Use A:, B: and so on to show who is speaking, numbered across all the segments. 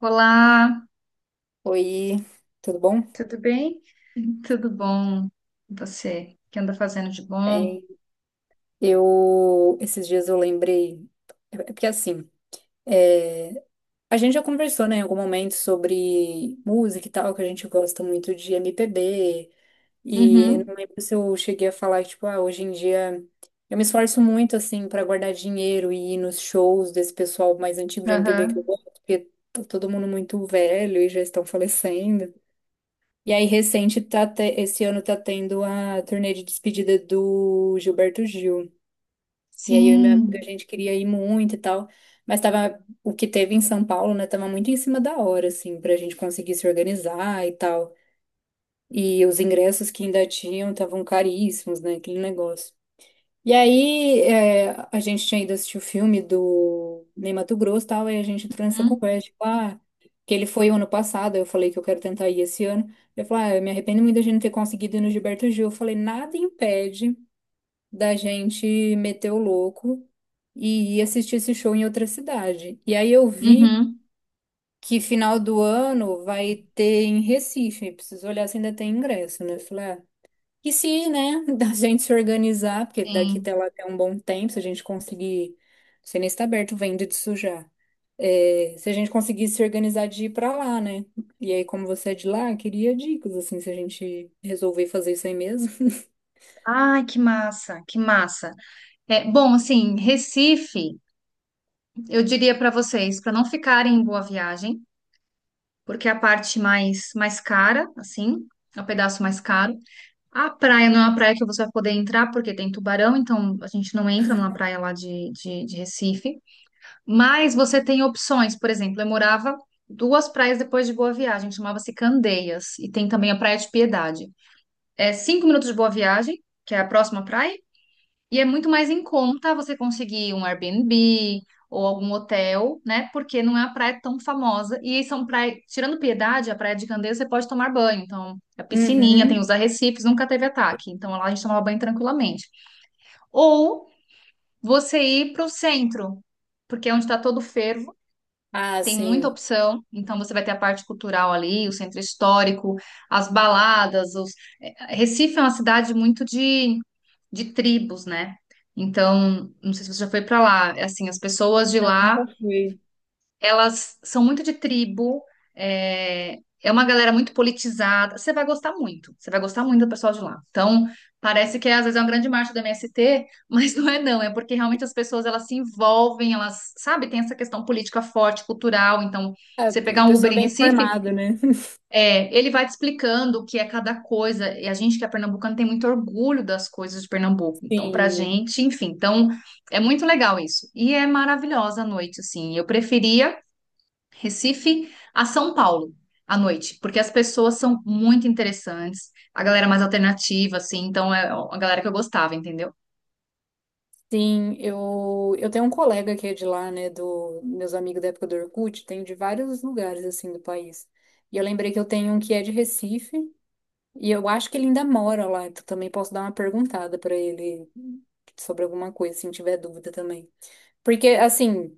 A: Olá,
B: Oi, tudo bom?
A: tudo bem? Uhum. Tudo bom? E você, o que anda fazendo de bom?
B: Bem, eu esses dias eu lembrei, é porque assim, é, a gente já conversou, né, em algum momento sobre música e tal, que a gente gosta muito de MPB, e eu não
A: Uhum,
B: lembro se eu cheguei a falar, tipo, ah, hoje em dia eu me esforço muito, assim, pra guardar dinheiro e ir nos shows desse pessoal mais antigo de MPB que eu
A: aham,
B: gosto, porque tá todo mundo muito velho e já estão falecendo. E aí, recente, esse ano tá tendo a turnê de despedida do Gilberto Gil. E aí, eu e meu amigo, a
A: sim,
B: gente queria ir muito e tal. Mas tava, o que teve em São Paulo, né, tava muito em cima da hora, assim, pra gente conseguir se organizar e tal. E os ingressos que ainda tinham estavam caríssimos, né, aquele negócio. E aí, é, a gente tinha ido assistir o filme do Ney Matogrosso e tal, aí a gente entrou nessa
A: uhum,
B: conversa, tipo, ah, que ele foi o ano passado, eu falei que eu quero tentar ir esse ano. Ele falou, ah, eu me arrependo muito da gente não ter conseguido ir no Gilberto Gil. Eu falei, nada impede da gente meter o louco e ir assistir esse show em outra cidade. E aí eu vi
A: uhum,
B: que final do ano vai ter em Recife, preciso olhar se ainda tem ingresso, né? Eu falei, ah, e se, né, da gente se organizar, porque daqui
A: sim.
B: até lá tem um bom tempo, se a gente conseguir, não sei nem se tá aberto venda disso já. É, se a gente conseguir se organizar de ir pra lá, né? E aí, como você é de lá, eu queria dicas, assim, se a gente resolver fazer isso aí mesmo.
A: Ai, que massa, que massa. Bom, Recife, eu diria para vocês, para não ficarem em Boa Viagem, porque é a parte mais cara, assim, é o pedaço mais caro. A praia não é uma praia que você vai poder entrar, porque tem tubarão, então a gente não entra numa praia lá de Recife. Mas você tem opções, por exemplo, eu morava duas praias depois de Boa Viagem, chamava-se Candeias, e tem também a Praia de Piedade. É cinco minutos de Boa Viagem, que é a próxima praia, e é muito mais em conta você conseguir um Airbnb ou algum hotel, né? Porque não é a praia tão famosa. E são praias, tirando Piedade, a Praia de Candeias você pode tomar banho. Então, a piscininha, tem
B: Uhum.
A: os arrecifes, nunca teve ataque. Então, lá a gente tomava banho tranquilamente. Ou você ir para o centro porque é onde está todo o fervo,
B: Ah,
A: tem muita
B: sim.
A: opção, então você vai ter a parte cultural ali, o centro histórico, as baladas, os... Recife é uma cidade muito de tribos, né? Então, não sei se você já foi para lá, é assim, as pessoas de
B: Não,
A: lá
B: nunca fui.
A: elas são muito de tribo, é uma galera muito politizada. Você vai gostar muito, você vai gostar muito do pessoal de lá. Então, parece que às vezes é uma grande marcha do MST, mas não é não, é porque realmente as pessoas elas se envolvem, elas, sabe, tem essa questão política forte, cultural. Então,
B: É,
A: você pegar um Uber
B: pessoa
A: em
B: bem
A: Recife,
B: informada, né?
A: ele vai te explicando o que é cada coisa. E a gente que é pernambucano tem muito orgulho das coisas de Pernambuco. Então, pra
B: Sim.
A: gente, enfim, então é muito legal isso. E é maravilhosa a noite, assim. Eu preferia Recife a São Paulo à noite, porque as pessoas são muito interessantes, a galera é mais alternativa, assim, então é a galera que eu gostava, entendeu?
B: Sim, eu tenho um colega que é de lá, né, do meus amigos da época do Orkut, tenho de vários lugares, assim, do país. E eu lembrei que eu tenho um que é de Recife, e eu acho que ele ainda mora lá, então também posso dar uma perguntada pra ele sobre alguma coisa, se tiver dúvida também. Porque, assim,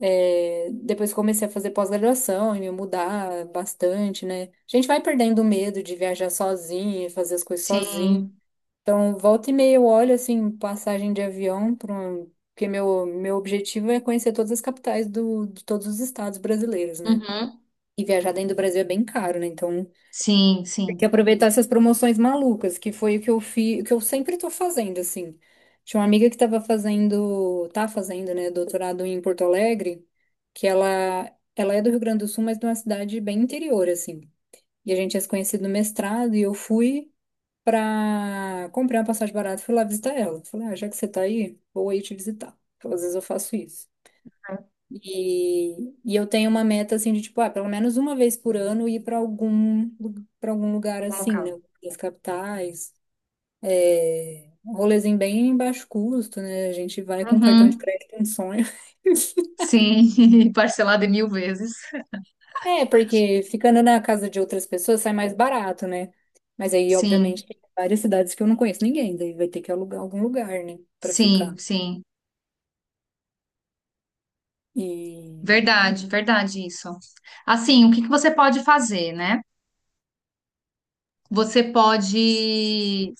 B: é, depois que comecei a fazer pós-graduação e me mudar bastante, né, a gente vai perdendo o medo de viajar sozinho, fazer as coisas sozinho.
A: Sim,
B: Então, volta e meia eu olho, assim, passagem de avião, porque meu objetivo é conhecer todas as capitais do, de todos os estados brasileiros, né?
A: uhum.
B: E viajar dentro do Brasil é bem caro, né? Então,
A: Sim,
B: tem que
A: sim.
B: aproveitar essas promoções malucas, que foi o que eu fiz, o que eu sempre tô fazendo, assim. Tinha uma amiga que tava fazendo, tá fazendo, né, doutorado em Porto Alegre, que ela é do Rio Grande do Sul, mas de uma cidade bem interior, assim. E a gente tinha se conhecido no mestrado, e eu fui pra comprar uma passagem barata, fui lá visitar ela. Falei, ah, já que você tá aí, vou aí te visitar. Então, às vezes eu faço isso. E eu tenho uma meta assim de tipo, ah, pelo menos uma vez por ano ir para algum lugar
A: Algum
B: assim, né?
A: local.
B: As capitais, é, um rolezinho bem baixo custo, né? A gente vai com cartão de
A: Uhum.
B: crédito, é um sonho.
A: Sim, parcelado em mil vezes.
B: É, porque ficando na casa de outras pessoas sai mais barato, né? Mas aí,
A: Sim,
B: obviamente, tem várias cidades que eu não conheço ninguém, daí vai ter que alugar algum lugar, né, para
A: sim,
B: ficar.
A: sim.
B: E...
A: Verdade, verdade isso. Assim, o que que você pode fazer, né? Você pode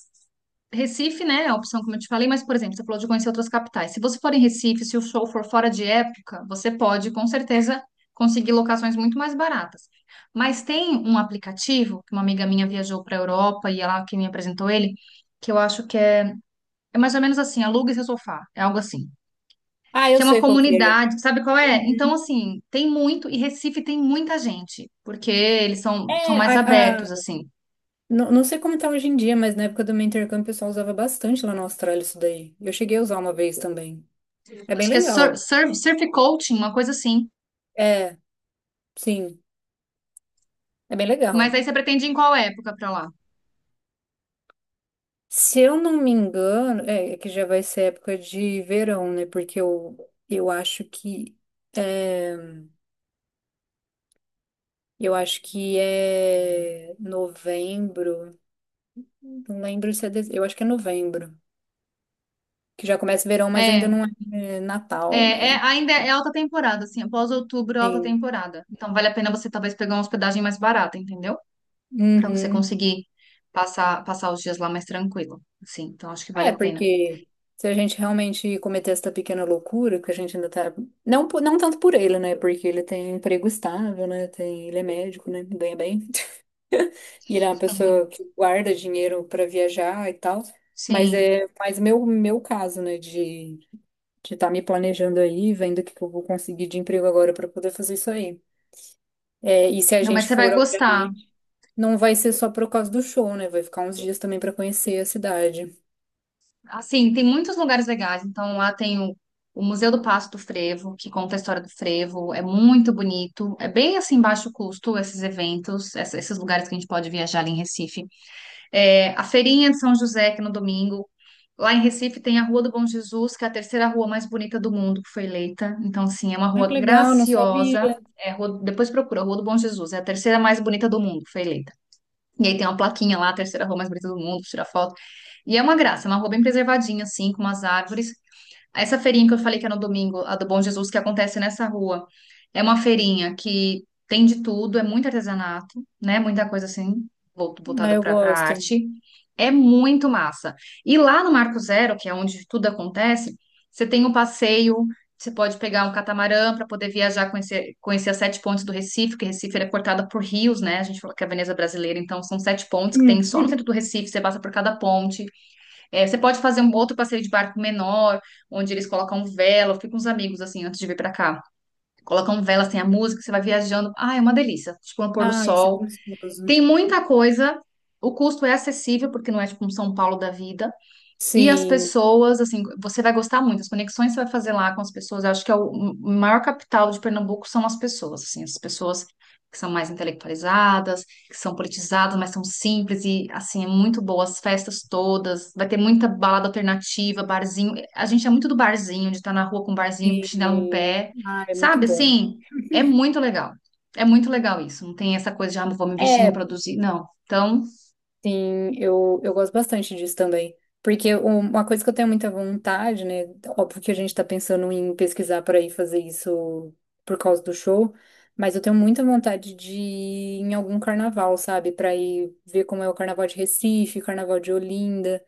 A: Recife, né, é a opção como eu te falei, mas, por exemplo, você falou de conhecer outras capitais. Se você for em Recife, se o show for fora de época, você pode, com certeza, conseguir locações muito mais baratas. Mas tem um aplicativo, que uma amiga minha viajou para a Europa e ela que me apresentou ele, que eu acho é mais ou menos assim, aluga seu sofá, é algo assim.
B: Ah, eu
A: Que é uma
B: sei qual que é.
A: comunidade, sabe qual é? Então,
B: Uhum.
A: assim, tem muito, e Recife tem muita gente, porque eles são
B: É,
A: mais abertos, assim.
B: não, não sei como tá hoje em dia, mas na época do meu intercâmbio o pessoal usava bastante lá na Austrália isso daí. Eu cheguei a usar uma vez também. É bem
A: Acho que é
B: legal.
A: surf coaching, uma coisa assim.
B: É, sim, é bem
A: Mas
B: legal.
A: aí você pretende ir em qual época pra lá?
B: Se eu não me engano, é que já vai ser época de verão, né? Porque eu acho que é, é novembro. Não lembro se é, dezembro. Eu acho que é novembro, que já começa verão, mas ainda
A: É,
B: não é Natal, né?
A: Ainda é alta temporada, assim, após outubro, é alta
B: Sim.
A: temporada. Então vale a pena você talvez pegar uma hospedagem mais barata, entendeu? Pra você
B: Uhum.
A: conseguir passar os dias lá mais tranquilo, assim. Então acho que vale
B: É,
A: a pena.
B: porque se a gente realmente cometer essa pequena loucura, que a gente ainda tá. Não, não tanto por ele, né? Porque ele tem emprego estável, né? Tem... Ele é médico, né? Ganha bem. E ele é uma
A: Uhum.
B: pessoa que guarda dinheiro para viajar e tal. Mas
A: Sim.
B: é mais meu caso, né? De estar me planejando aí, vendo o que que eu vou conseguir de emprego agora para poder fazer isso aí. É, e se a
A: Não, mas
B: gente
A: você
B: for,
A: vai gostar.
B: obviamente, não vai ser só por causa do show, né? Vai ficar uns dias também para conhecer a cidade.
A: Assim, tem muitos lugares legais. Então lá tem o Museu do Passo do Frevo, que conta a história do frevo, é muito bonito. É bem assim baixo custo esses eventos, esses lugares que a gente pode viajar ali em Recife. É, a feirinha de São José, que é no domingo. Lá em Recife tem a Rua do Bom Jesus, que é a terceira rua mais bonita do mundo, que foi eleita. Então, assim, é uma
B: Ah, que
A: rua
B: legal, não sabia.
A: graciosa. É, depois procura, Rua do Bom Jesus. É a terceira mais bonita do mundo, que foi eleita. E aí tem uma plaquinha lá, a terceira rua mais bonita do mundo, tira foto. E é uma graça, é uma rua bem preservadinha, assim, com umas árvores. Essa feirinha que eu falei que é no domingo, a do Bom Jesus, que acontece nessa rua, é uma feirinha que tem de tudo, é muito artesanato, né? Muita coisa assim,
B: Ah,
A: voltada
B: eu
A: para
B: gosto.
A: arte. É muito massa. E lá no Marco Zero, que é onde tudo acontece, você tem um passeio, você pode pegar um catamarã para poder viajar, conhecer as sete pontes do Recife, que Recife ele é cortada por rios, né? A gente fala que é a Veneza brasileira, então são sete pontes que tem
B: Hum.
A: só no centro do Recife, você passa por cada ponte. É, você pode fazer um outro passeio de barco menor, onde eles colocam vela. Eu fui com os amigos, assim, antes de vir pra cá. Colocam velas, tem a música, você vai viajando. Ah, é uma delícia. Tipo, no pôr do
B: Ah, isso é
A: sol.
B: gostoso.
A: Tem muita coisa. O custo é acessível, porque não é tipo um São Paulo da vida. E as
B: Sim,
A: pessoas, assim, você vai gostar muito. As conexões que você vai fazer lá com as pessoas, eu acho que é o maior capital de Pernambuco são as pessoas, assim, as pessoas que são mais intelectualizadas, que são politizadas, mas são simples e, assim, é muito boa. As festas todas, vai ter muita balada alternativa, barzinho. A gente é muito do barzinho, de estar na rua com um barzinho, chinelo no
B: sim.
A: pé,
B: Ah, é muito
A: sabe?
B: bom.
A: Assim, é muito legal. É muito legal isso. Não tem essa coisa de, ah, vou me vestir, me
B: É,
A: produzir. Não. Então,
B: sim, eu gosto bastante disso também. Porque uma coisa que eu tenho muita vontade, né? Óbvio que a gente tá pensando em pesquisar para ir fazer isso por causa do show, mas eu tenho muita vontade de ir em algum carnaval, sabe? Para ir ver como é o carnaval de Recife, o carnaval de Olinda.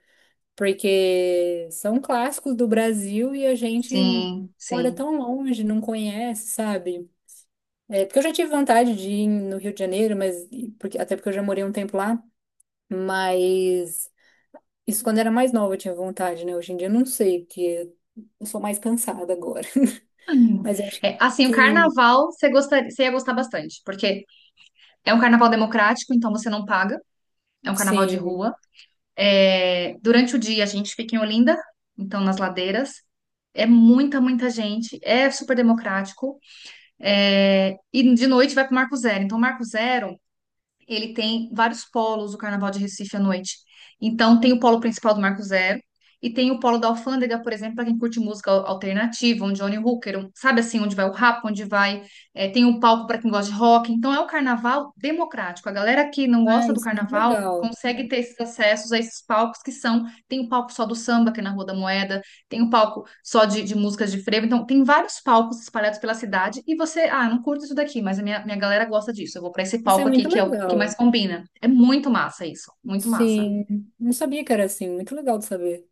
B: Porque são clássicos do Brasil e a gente
A: sim,
B: mora
A: sim.
B: tão longe, não conhece, sabe? É, porque eu já tive vontade de ir no Rio de Janeiro, mas porque, até porque eu já morei um tempo lá, mas isso quando era mais nova eu tinha vontade, né? Hoje em dia eu não sei, porque eu sou mais cansada agora.
A: Hum.
B: Mas eu acho que,
A: É, assim, o
B: que
A: carnaval você gostaria, você ia gostar bastante, porque é um carnaval democrático, então você não paga, é um carnaval de
B: sim.
A: rua. É, durante o dia a gente fica em Olinda, então nas ladeiras. É muita, muita gente, é super democrático. É, e de noite vai para o Marco Zero. Então, o Marco Zero ele tem vários polos, o Carnaval de Recife à noite. Então, tem o polo principal do Marco Zero e tem o polo da Alfândega, por exemplo, para quem curte música alternativa, um Johnny Hooker, um- sabe assim, onde vai o rap, onde vai. É, tem o palco para quem gosta de rock. Então, é o carnaval democrático. A galera que não
B: Ah,
A: gosta do
B: isso é muito
A: carnaval
B: legal.
A: consegue ter esses acessos a esses palcos que são. Tem o palco só do samba, que é na Rua da Moeda, tem um palco só de músicas de frevo. Então, tem vários palcos espalhados pela cidade e você, ah, não curto isso daqui, mas a minha galera gosta disso. Eu vou para esse
B: Isso é
A: palco aqui
B: muito
A: que é o que mais
B: legal.
A: combina. É muito massa isso, muito massa.
B: Sim, não sabia que era assim, muito legal de saber.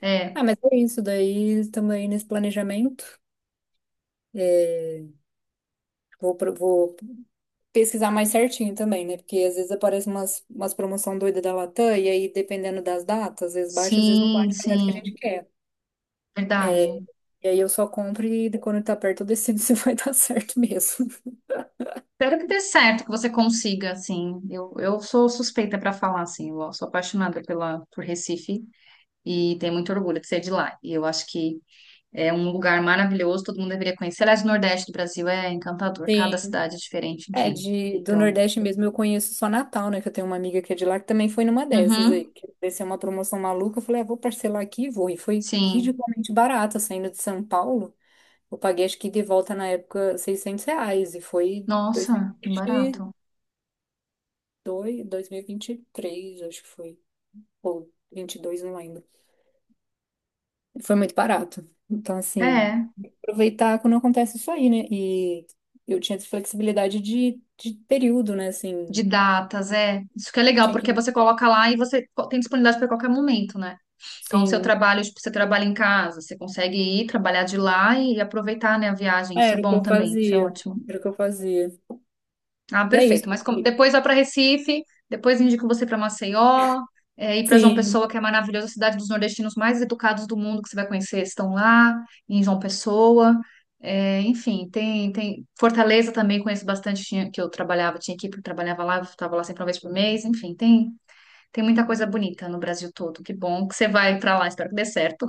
A: É,
B: Ah, mas é isso daí também nesse planejamento. É, vou pesquisar mais certinho também, né? Porque às vezes aparece umas promoção doida da Latam, e aí dependendo das datas, às vezes bate, às vezes não
A: sim,
B: bate com a data que a gente
A: sim,
B: quer. É,
A: verdade.
B: e aí eu só compro e quando tá perto eu decido se vai dar certo mesmo.
A: Espero que dê certo, que você consiga, assim. Eu sou suspeita para falar, assim. Eu sou apaixonada por Recife e tenho muito orgulho de ser de lá. E eu acho que é um lugar maravilhoso, todo mundo deveria conhecer. Aliás, o Nordeste do Brasil é encantador, cada
B: Sim,
A: cidade é diferente,
B: é,
A: enfim.
B: de, do
A: Então,
B: Nordeste mesmo eu conheço só Natal, né? Que eu tenho uma amiga que é de lá que também foi numa dessas aí.
A: uhum,
B: Que apareceu uma promoção maluca. Eu falei, ah, vou parcelar aqui e vou. E foi
A: sim.
B: ridiculamente barata saindo de São Paulo. Eu paguei, acho que de volta na época, 600 reais. E foi dois mil
A: Nossa,
B: e vinte e
A: barato.
B: dois mil e vinte 2022, três acho que foi. Ou 22 não lembro. Foi muito barato. Então, assim,
A: É,
B: aproveitar quando acontece isso aí, né? E eu tinha essa flexibilidade de período, né?
A: de
B: Assim,
A: datas, é. Isso que é legal,
B: tinha
A: porque
B: que.
A: você coloca lá e você tem disponibilidade para qualquer momento, né? Então, o seu
B: Sim,
A: trabalho, tipo, você trabalha em casa, você consegue ir trabalhar de lá e aproveitar, né, a viagem. Isso é
B: era o que
A: bom
B: eu
A: também, isso é
B: fazia.
A: ótimo.
B: Era o que eu fazia.
A: Ah,
B: É
A: perfeito.
B: isso.
A: Mas depois vai para Recife, depois indico você para Maceió, é, e para João
B: Sim.
A: Pessoa, que é maravilhosa, a cidade dos nordestinos mais educados do mundo que você vai conhecer, estão lá, em João Pessoa. É, enfim, tem, tem Fortaleza também, conheço bastante, que eu trabalhava, tinha equipe que trabalhava lá, eu estava lá sempre uma vez por mês. Enfim, tem, tem muita coisa bonita no Brasil todo. Que bom que você vai para lá, espero que dê certo.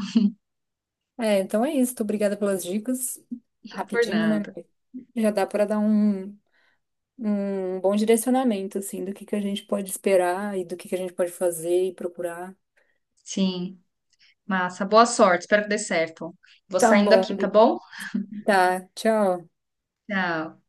B: É, então é isso. Tô obrigada pelas dicas.
A: Por
B: Rapidinho, né?
A: nada.
B: Já dá para dar um bom direcionamento, assim, do que a gente pode esperar e do que a gente pode fazer e procurar.
A: Sim, massa. Boa sorte, espero que dê certo. Vou
B: Tá
A: saindo
B: bom.
A: aqui, tá
B: Gui.
A: bom?
B: Tá. Tchau.
A: Tchau.